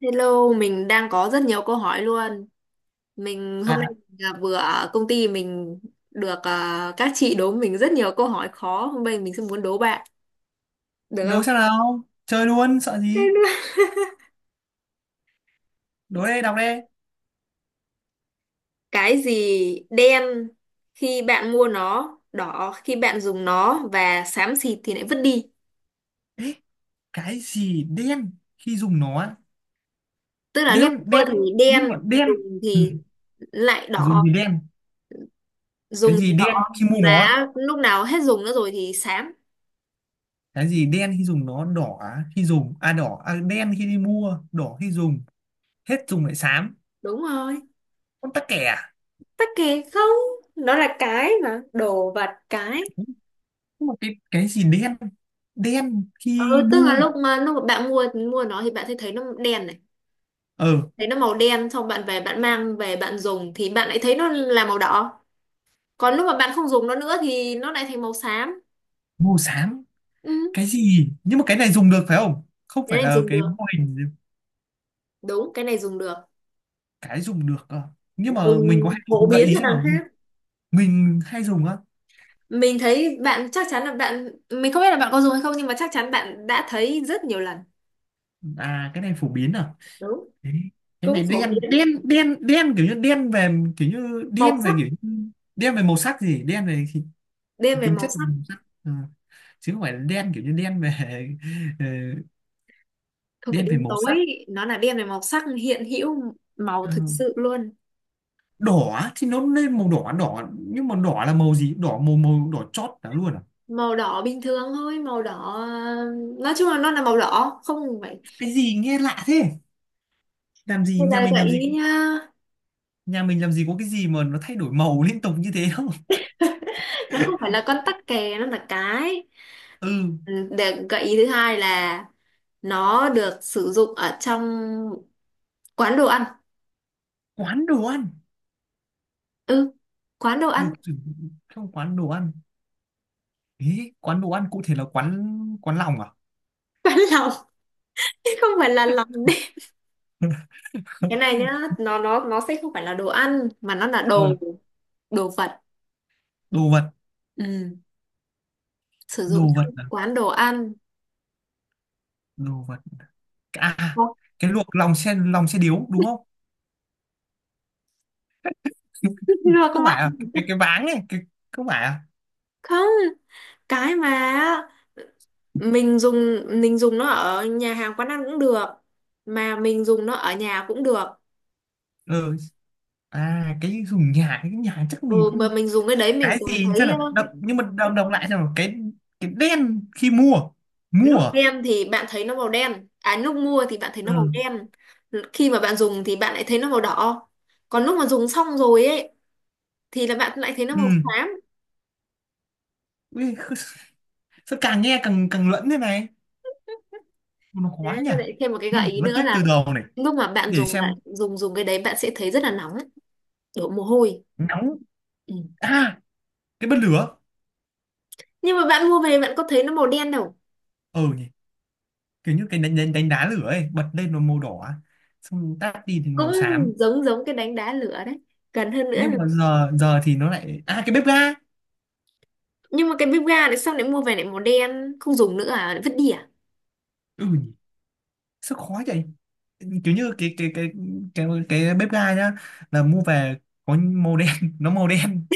Hello, mình đang có rất nhiều câu hỏi luôn. Mình hôm nay À, là vừa ở công ty mình được à, các chị đố mình rất nhiều câu hỏi khó. Hôm nay mình sẽ muốn đố bạn, được không? đố xem nào. Chơi luôn, sợ Thế gì. nữa. Đố đây, đọc đây. Cái gì đen khi bạn mua nó, đỏ khi bạn dùng nó và xám xịt thì lại vứt đi. Ê, cái gì đen khi dùng nó á? Tức là lúc Đen mua đen. thì đen, Nhưng mà đen, dùng ừ. thì lại Dùng đỏ, gì đen? Cái dùng gì thì đỏ, đen khi mua mà nó? lúc nào hết dùng nữa rồi thì xám. Cái gì đen khi dùng nó? Đỏ á, khi dùng. À đỏ à, đen khi đi mua, đỏ khi dùng, hết dùng lại xám. Đúng rồi. Con tắc kè à? Tắc kè không, nó là cái mà, đồ vật. Cái Nhưng mà cái gì đen? Đen khi ừ tức là mua. lúc mà bạn mua mua nó thì bạn sẽ thấy nó đen này, Ờ. thấy nó màu đen, xong bạn về, bạn mang về, bạn dùng thì bạn lại thấy nó là màu đỏ, còn lúc mà bạn không dùng nó nữa thì nó lại thành màu xám. Mua xám. Ừ, Cái gì? Nhưng mà cái này dùng được phải không? Không cái phải này là dùng cái được, mô hình? đúng, cái này dùng được, Cái dùng được cơ. Nhưng dùng mà mình có hay dùng phổ không, gợi biến ý cho xem đằng nào. khác. Mình hay dùng á? Mình thấy bạn, chắc chắn là bạn, mình không biết là bạn có dùng hay không, nhưng mà chắc chắn bạn đã thấy rất nhiều lần. À cái này phổ biến à? Đúng, Thế- cái cũng này phổ đen biến. đen đen đen, kiểu như đen về, kiểu như Màu đen về, sắc, kiểu như đen về màu sắc gì, đen cái về tính màu chất của sắc, màu sắc. Ờ, chứ không phải là đen kiểu như đen về, ờ, không phải đen đêm về màu sắc. tối, nó là đen về màu sắc, hiện hữu màu Ờ, thực sự luôn. đỏ thì nó lên màu đỏ đỏ, nhưng mà đỏ là màu gì, đỏ màu, màu đỏ chót đó luôn à? Màu đỏ bình thường thôi, màu đỏ. Ờ, nói chung là nó là màu đỏ, không phải. Cái gì nghe lạ thế. Làm gì, Bây nhà giờ mình gợi làm gì, ý nha, nhà mình làm gì có cái gì mà nó thay đổi màu liên tục như thế đâu. nó không phải là con tắc kè, nó là cái. Ừ. Ừ, để gợi ý thứ hai là nó được sử dụng ở trong quán đồ ăn. Quán đồ ăn. Ừ, quán đồ ăn. Được sử dụng trong quán đồ ăn. Ý quán đồ ăn cụ thể là quán, quán lòng à? Quán lòng. Không phải là lòng đấy. Cái này nhá, nó sẽ không phải là đồ ăn, mà nó là Ờ, đồ, đồ vật. đồ vật. Ừ, sử dụng Đồ vật trong à? quán đồ ăn. Đồ vật à? Ủa, Cái luộc lòng, xe lòng, xe điếu đúng không? chưa các Không phải à? bạn. Cái váng này cái. Không phải à? Không, cái mà mình dùng nó ở nhà hàng quán ăn cũng được, mà mình dùng nó ở nhà cũng được. Ừ. À cái dùng nhà, cái nhà chắc mình Ừ, mà không. mình dùng cái đấy mình Cái còn gì xem thấy nào, đọc, nhưng mà đọc, đọc lại xem nào cái đen khi mua. Mua lúc à? đem thì bạn thấy nó màu đen, à lúc mua thì bạn thấy nó màu Ừ. đen, khi mà bạn dùng thì bạn lại thấy nó màu đỏ, còn lúc mà dùng xong rồi ấy thì là bạn lại thấy nó màu Ừ. xám. Ui, sao càng nghe càng càng lẫn thế này, nó Thế khó nhỉ. nó lại thêm một cái Nhưng gợi mà phải ý phân nữa tích từ là đầu này. lúc mà bạn Để dùng, lại xem. dùng dùng cái đấy, bạn sẽ thấy rất là nóng, đổ mồ hôi. Nóng Ừ. à? Cái bật lửa. Nhưng mà bạn mua về, bạn có thấy nó màu đen đâu. Ừ nhỉ. Kiểu như cái đánh, đánh, đánh đá lửa ấy, bật lên nó màu đỏ, xong tắt đi thì Cũng màu xám. giống, giống cái đánh đá lửa đấy, gần hơn nữa Nhưng là- mà giờ, giờ thì nó lại, à cái bếp ga. nhưng mà cái bếp ga này, xong lại mua về lại màu đen, không dùng nữa à, lại vứt đi à? Ừ nhỉ. Sao khó vậy. Kiểu như cái cái bếp ga nhá, là mua về có màu đen, nó màu đen.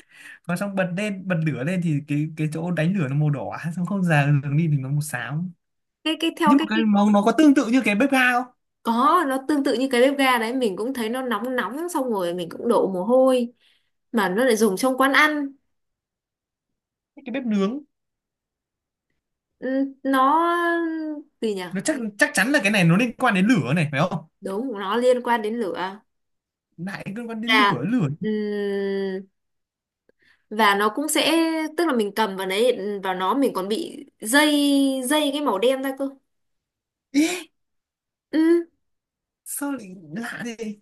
Còn xong bật lên, bật lửa lên thì cái chỗ đánh lửa nó màu đỏ, xong không già đường đi thì nó màu xám. Cái theo Nhưng mà cái cái màu nó có tương tự như cái bếp ga không? Có, nó tương tự như cái bếp ga đấy, mình cũng thấy nó nóng nóng, xong rồi mình cũng đổ mồ hôi, mà nó lại dùng trong quán ăn. Cái bếp nướng. Ừ, nó gì nhỉ. Nó chắc, chắc chắn là cái này nó liên quan đến lửa này phải không? Đúng, nó liên quan đến lửa. Lại liên quan đến Và lửa, lửa. ừm, và nó cũng sẽ, tức là mình cầm vào đấy, vào nó mình còn bị dây, dây cái màu đen ra cơ. Ê, Ừ, sao lại lạ thế.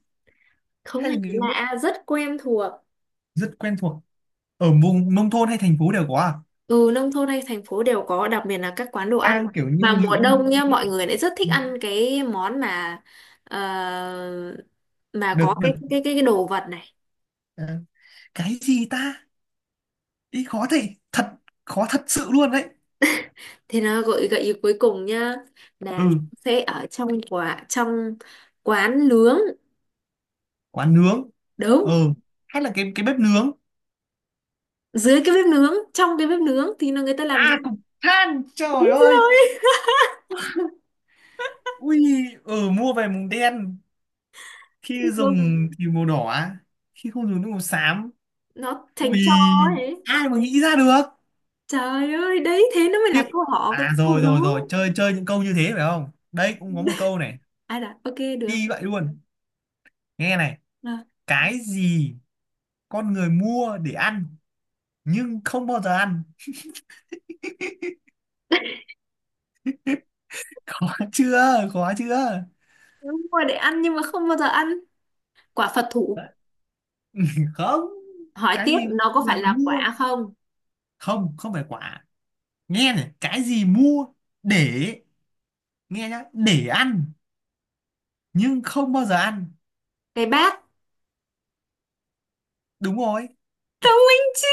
không Hay hề là người bếp. lạ, rất quen thuộc. Rất quen thuộc. Ở vùng nông thôn hay thành phố đều có à? Ừ, nông thôn hay thành phố đều có, đặc biệt là các quán đồ ăn, Đang kiểu mà như mùa nghĩ, đông nhá, nghĩ. mọi người lại rất thích ăn cái món mà, ờ, mà Được, có cái được. cái cái, cái đồ vật này. À, cái gì ta. Ý khó thế thật, khó thật sự luôn đấy. Thì nó gợi, gợi ý cuối cùng nhá, là nó Ừ. sẽ ở trong quả, trong quán nướng. Quán nướng. Đúng. Ừ. Hay là cái bếp nướng. Dưới cái bếp nướng, trong cái bếp nướng thì nó người ta làm gì. À cục than, trời Đúng ơi. rồi. Ui. Ừ, mua về mùng đen, khi Vâng, dùng thì màu đỏ, khi không dùng nước màu xám. nó Ui, thành tro ấy. ai mà nghĩ ra được? Trời ơi, đấy thế nó mới Tiếp. là câu hỏi. À Câu rồi đó rồi rồi, chơi chơi những câu như thế phải không? Đây cũng có một câu này, ai là ok được. y vậy luôn. Nghe này, Rồi, cái gì con người mua để ăn nhưng không bao giờ ăn? Khó chưa? Khó chưa? đúng rồi, để ăn nhưng mà không bao giờ ăn, quả Phật thủ. Không, Hỏi cái tiếp, gì nó con có phải người là mua? quả không. Không, không phải quả. Nghe này, cái gì mua để, nghe nhá, để ăn nhưng không bao giờ ăn. Cái bát. Đúng rồi. Thông minh chứ.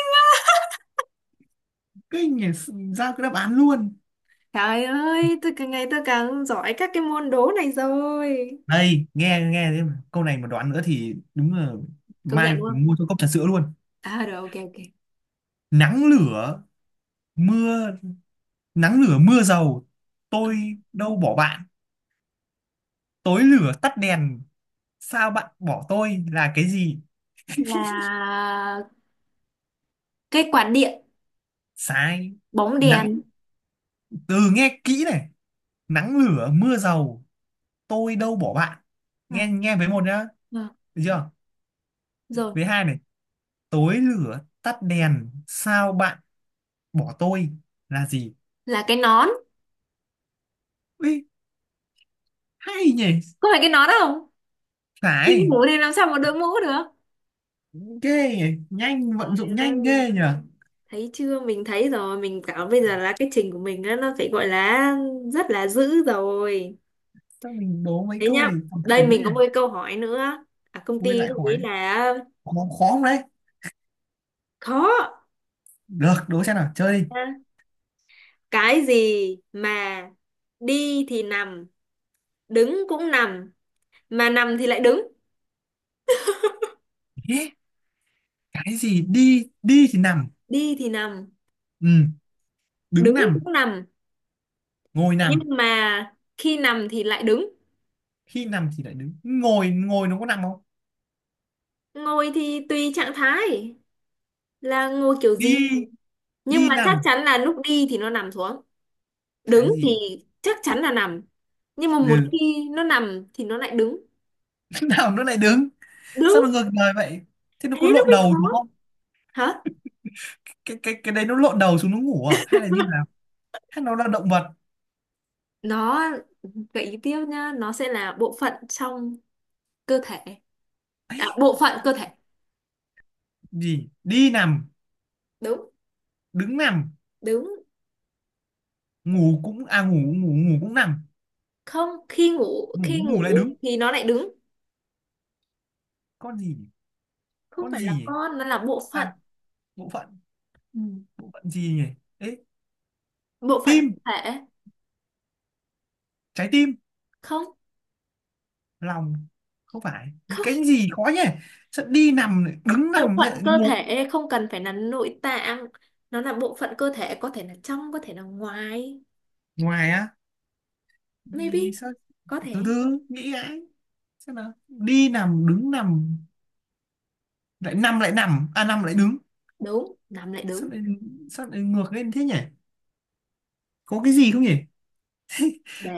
Kinh nhỉ, ra cái đáp án luôn. Trời ơi, tôi càng ngày tôi càng giỏi các cái môn đố này rồi. Đây nghe nghe thế mà, câu này mà đoán nữa thì đúng là Công mai nhận luôn. mua cho cốc trà sữa luôn. À rồi, ok ok. Nắng lửa mưa, nắng lửa mưa dầu, tôi đâu bỏ bạn, tối lửa tắt đèn sao bạn bỏ tôi là cái gì? Là cái quạt điện. Sai. Bóng Nắng, đèn. từ nghe kỹ này: nắng lửa mưa dầu, tôi đâu bỏ bạn, nghe À, nghe với một nhá, à, được chưa, rồi. với hai này: tối lửa tắt đèn sao bạn bỏ tôi, là gì? Là cái nón. Ui, hay nhỉ. Có phải cái nón không? Nhưng Phải. mũ thì làm sao mà đội mũ được. Ghê nhỉ, nhanh, vận Trời dụng nhanh ơi, ghê nhỉ. thấy chưa, mình thấy rồi, mình cảm bây giờ là cái trình của mình á, nó phải gọi là rất là dữ rồi. Sao mình đố mấy Thế câu nhá, này còn thử đây quá mình nhỉ. có một cái câu hỏi nữa. À, công Ui ty lại cũng nghĩ khỏi, là khó khó không đấy? khó. Được, đố xem nào, chơi À, cái gì mà đi thì nằm, đứng cũng nằm, mà nằm thì lại đứng. đi. Ê, cái gì đi, đi thì nằm. Đi thì nằm. Ừ, đứng Đứng nằm. cũng nằm. Ngồi Nhưng nằm. mà khi nằm thì lại đứng. Khi nằm thì lại đứng? Ngồi, ngồi nó có nằm không? Ngồi thì tùy trạng thái, là ngồi kiểu gì. Đi. Nhưng Đi mà chắc nằm. chắn là lúc đi thì nó nằm xuống, Cái đứng thì gì. chắc chắn là nằm, nhưng mà một Ừ. khi nó nằm thì nó lại đứng. Nào nó lại đứng. Sao nó Đúng. ngược đời vậy. Thế nó có Thế nó lộn mới đầu khó. đúng không? Hả? Cái đấy nó lộn đầu xuống nó ngủ à hay là như nào? Hay nó là động vật? Nó gợi ý tiếp nhá, nó sẽ là bộ phận trong cơ thể. À, bộ phận cơ thể. Gì đi nằm, Đúng. đứng nằm, Đúng. ngủ cũng à, ngủ, ngủ cũng nằm. Không, khi ngủ, ngủ khi ngủ lại ngủ đứng. thì nó lại đứng. Con gì nhỉ? Không Con phải là gì nhỉ? con, nó là bộ phận. À, bộ phận. Ừ. Bộ phận gì nhỉ, ấy. Bộ phận Tim, cơ thể. trái tim. Không. Lòng. Không phải. Không. Cái gì khó nhỉ. Sao đi nằm, lại đứng Bộ nằm, lại phận cơ ngồi. thể không cần phải là nội tạng, nó là bộ phận cơ thể, có thể là trong, có thể là ngoài. Ngoài á. Nghĩ Maybe, sao. có Từ thể. từ nghĩ lại. Sao nào, đi nằm, đứng nằm, lại nằm, lại nằm, à nằm lại đứng. Đúng, nằm lại đứng. Sao lại, sao lại ngược lên thế nhỉ. Có cái gì không nhỉ.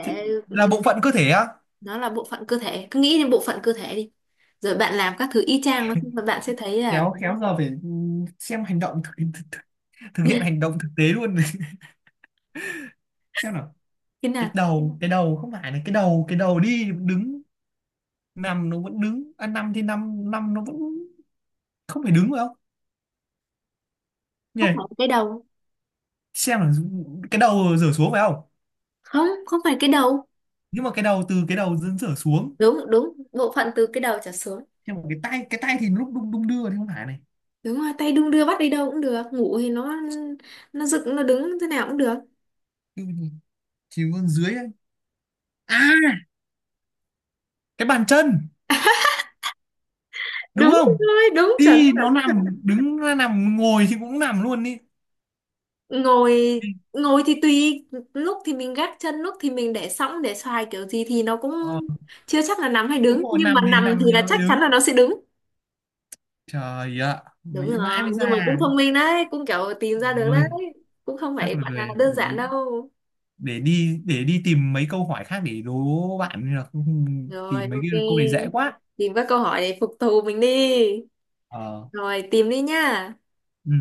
Chứ- là ừ, bộ phận cơ thể á? nó là bộ phận cơ thể, cứ nghĩ đến bộ phận cơ thể đi, rồi bạn làm các thứ y chang nó, bạn sẽ thấy là Khéo khéo giờ phải, ừ, xem hành động thực, thực hiện hành động thực tế luôn. Xem nào. thế Cái nào. đầu, cái đầu, không phải là cái đầu, cái đầu đi đứng nằm nó vẫn đứng à, năm thì năm năm nó vẫn không phải đứng phải không nhỉ? Không phải cái đầu. Xem là cái đầu rửa xuống phải không? Không, không phải cái đầu. Nhưng mà cái đầu, từ cái đầu dẫn rửa xuống. Đúng, đúng, bộ phận từ cái đầu trở xuống. Nhưng mà cái tay, cái tay thì lúc đung, đung đưa thì không phải này. Đúng rồi, tay đung đưa bắt đi đâu cũng được, ngủ thì nó dựng, nó đứng thế nào cũng được. Chứ chỉ còn dưới ấy. À, cái bàn chân đúng Đúng không? rồi, đúng, chuẩn Đi nó chuẩn. nằm, đứng nó nằm, ngồi thì cũng nằm luôn. Đi. Ngồi, Đi. ngồi thì tùy, lúc thì mình gác chân, lúc thì mình để sõng, để xoài, kiểu gì thì nó cũng Ờ. chưa chắc là nằm hay Đúng đứng, rồi, nhưng mà nằm thì, nằm nằm thì thì là nó lại chắc đứng. chắn là nó sẽ đứng. Trời ạ, Đúng nghĩ rồi. mãi mới Nhưng mà cũng ra. thông minh đấy, cũng kiểu tìm ra được đấy, Ôi, cũng không chắc phải là gọi là về đơn giản đâu. để đi, để đi tìm mấy câu hỏi khác để đố bạn, nên là Rồi, tìm mấy ok. cái câu này dễ quá. Tìm các câu hỏi để phục thù mình đi. Ờ. Rồi, tìm đi nhá. Ừ.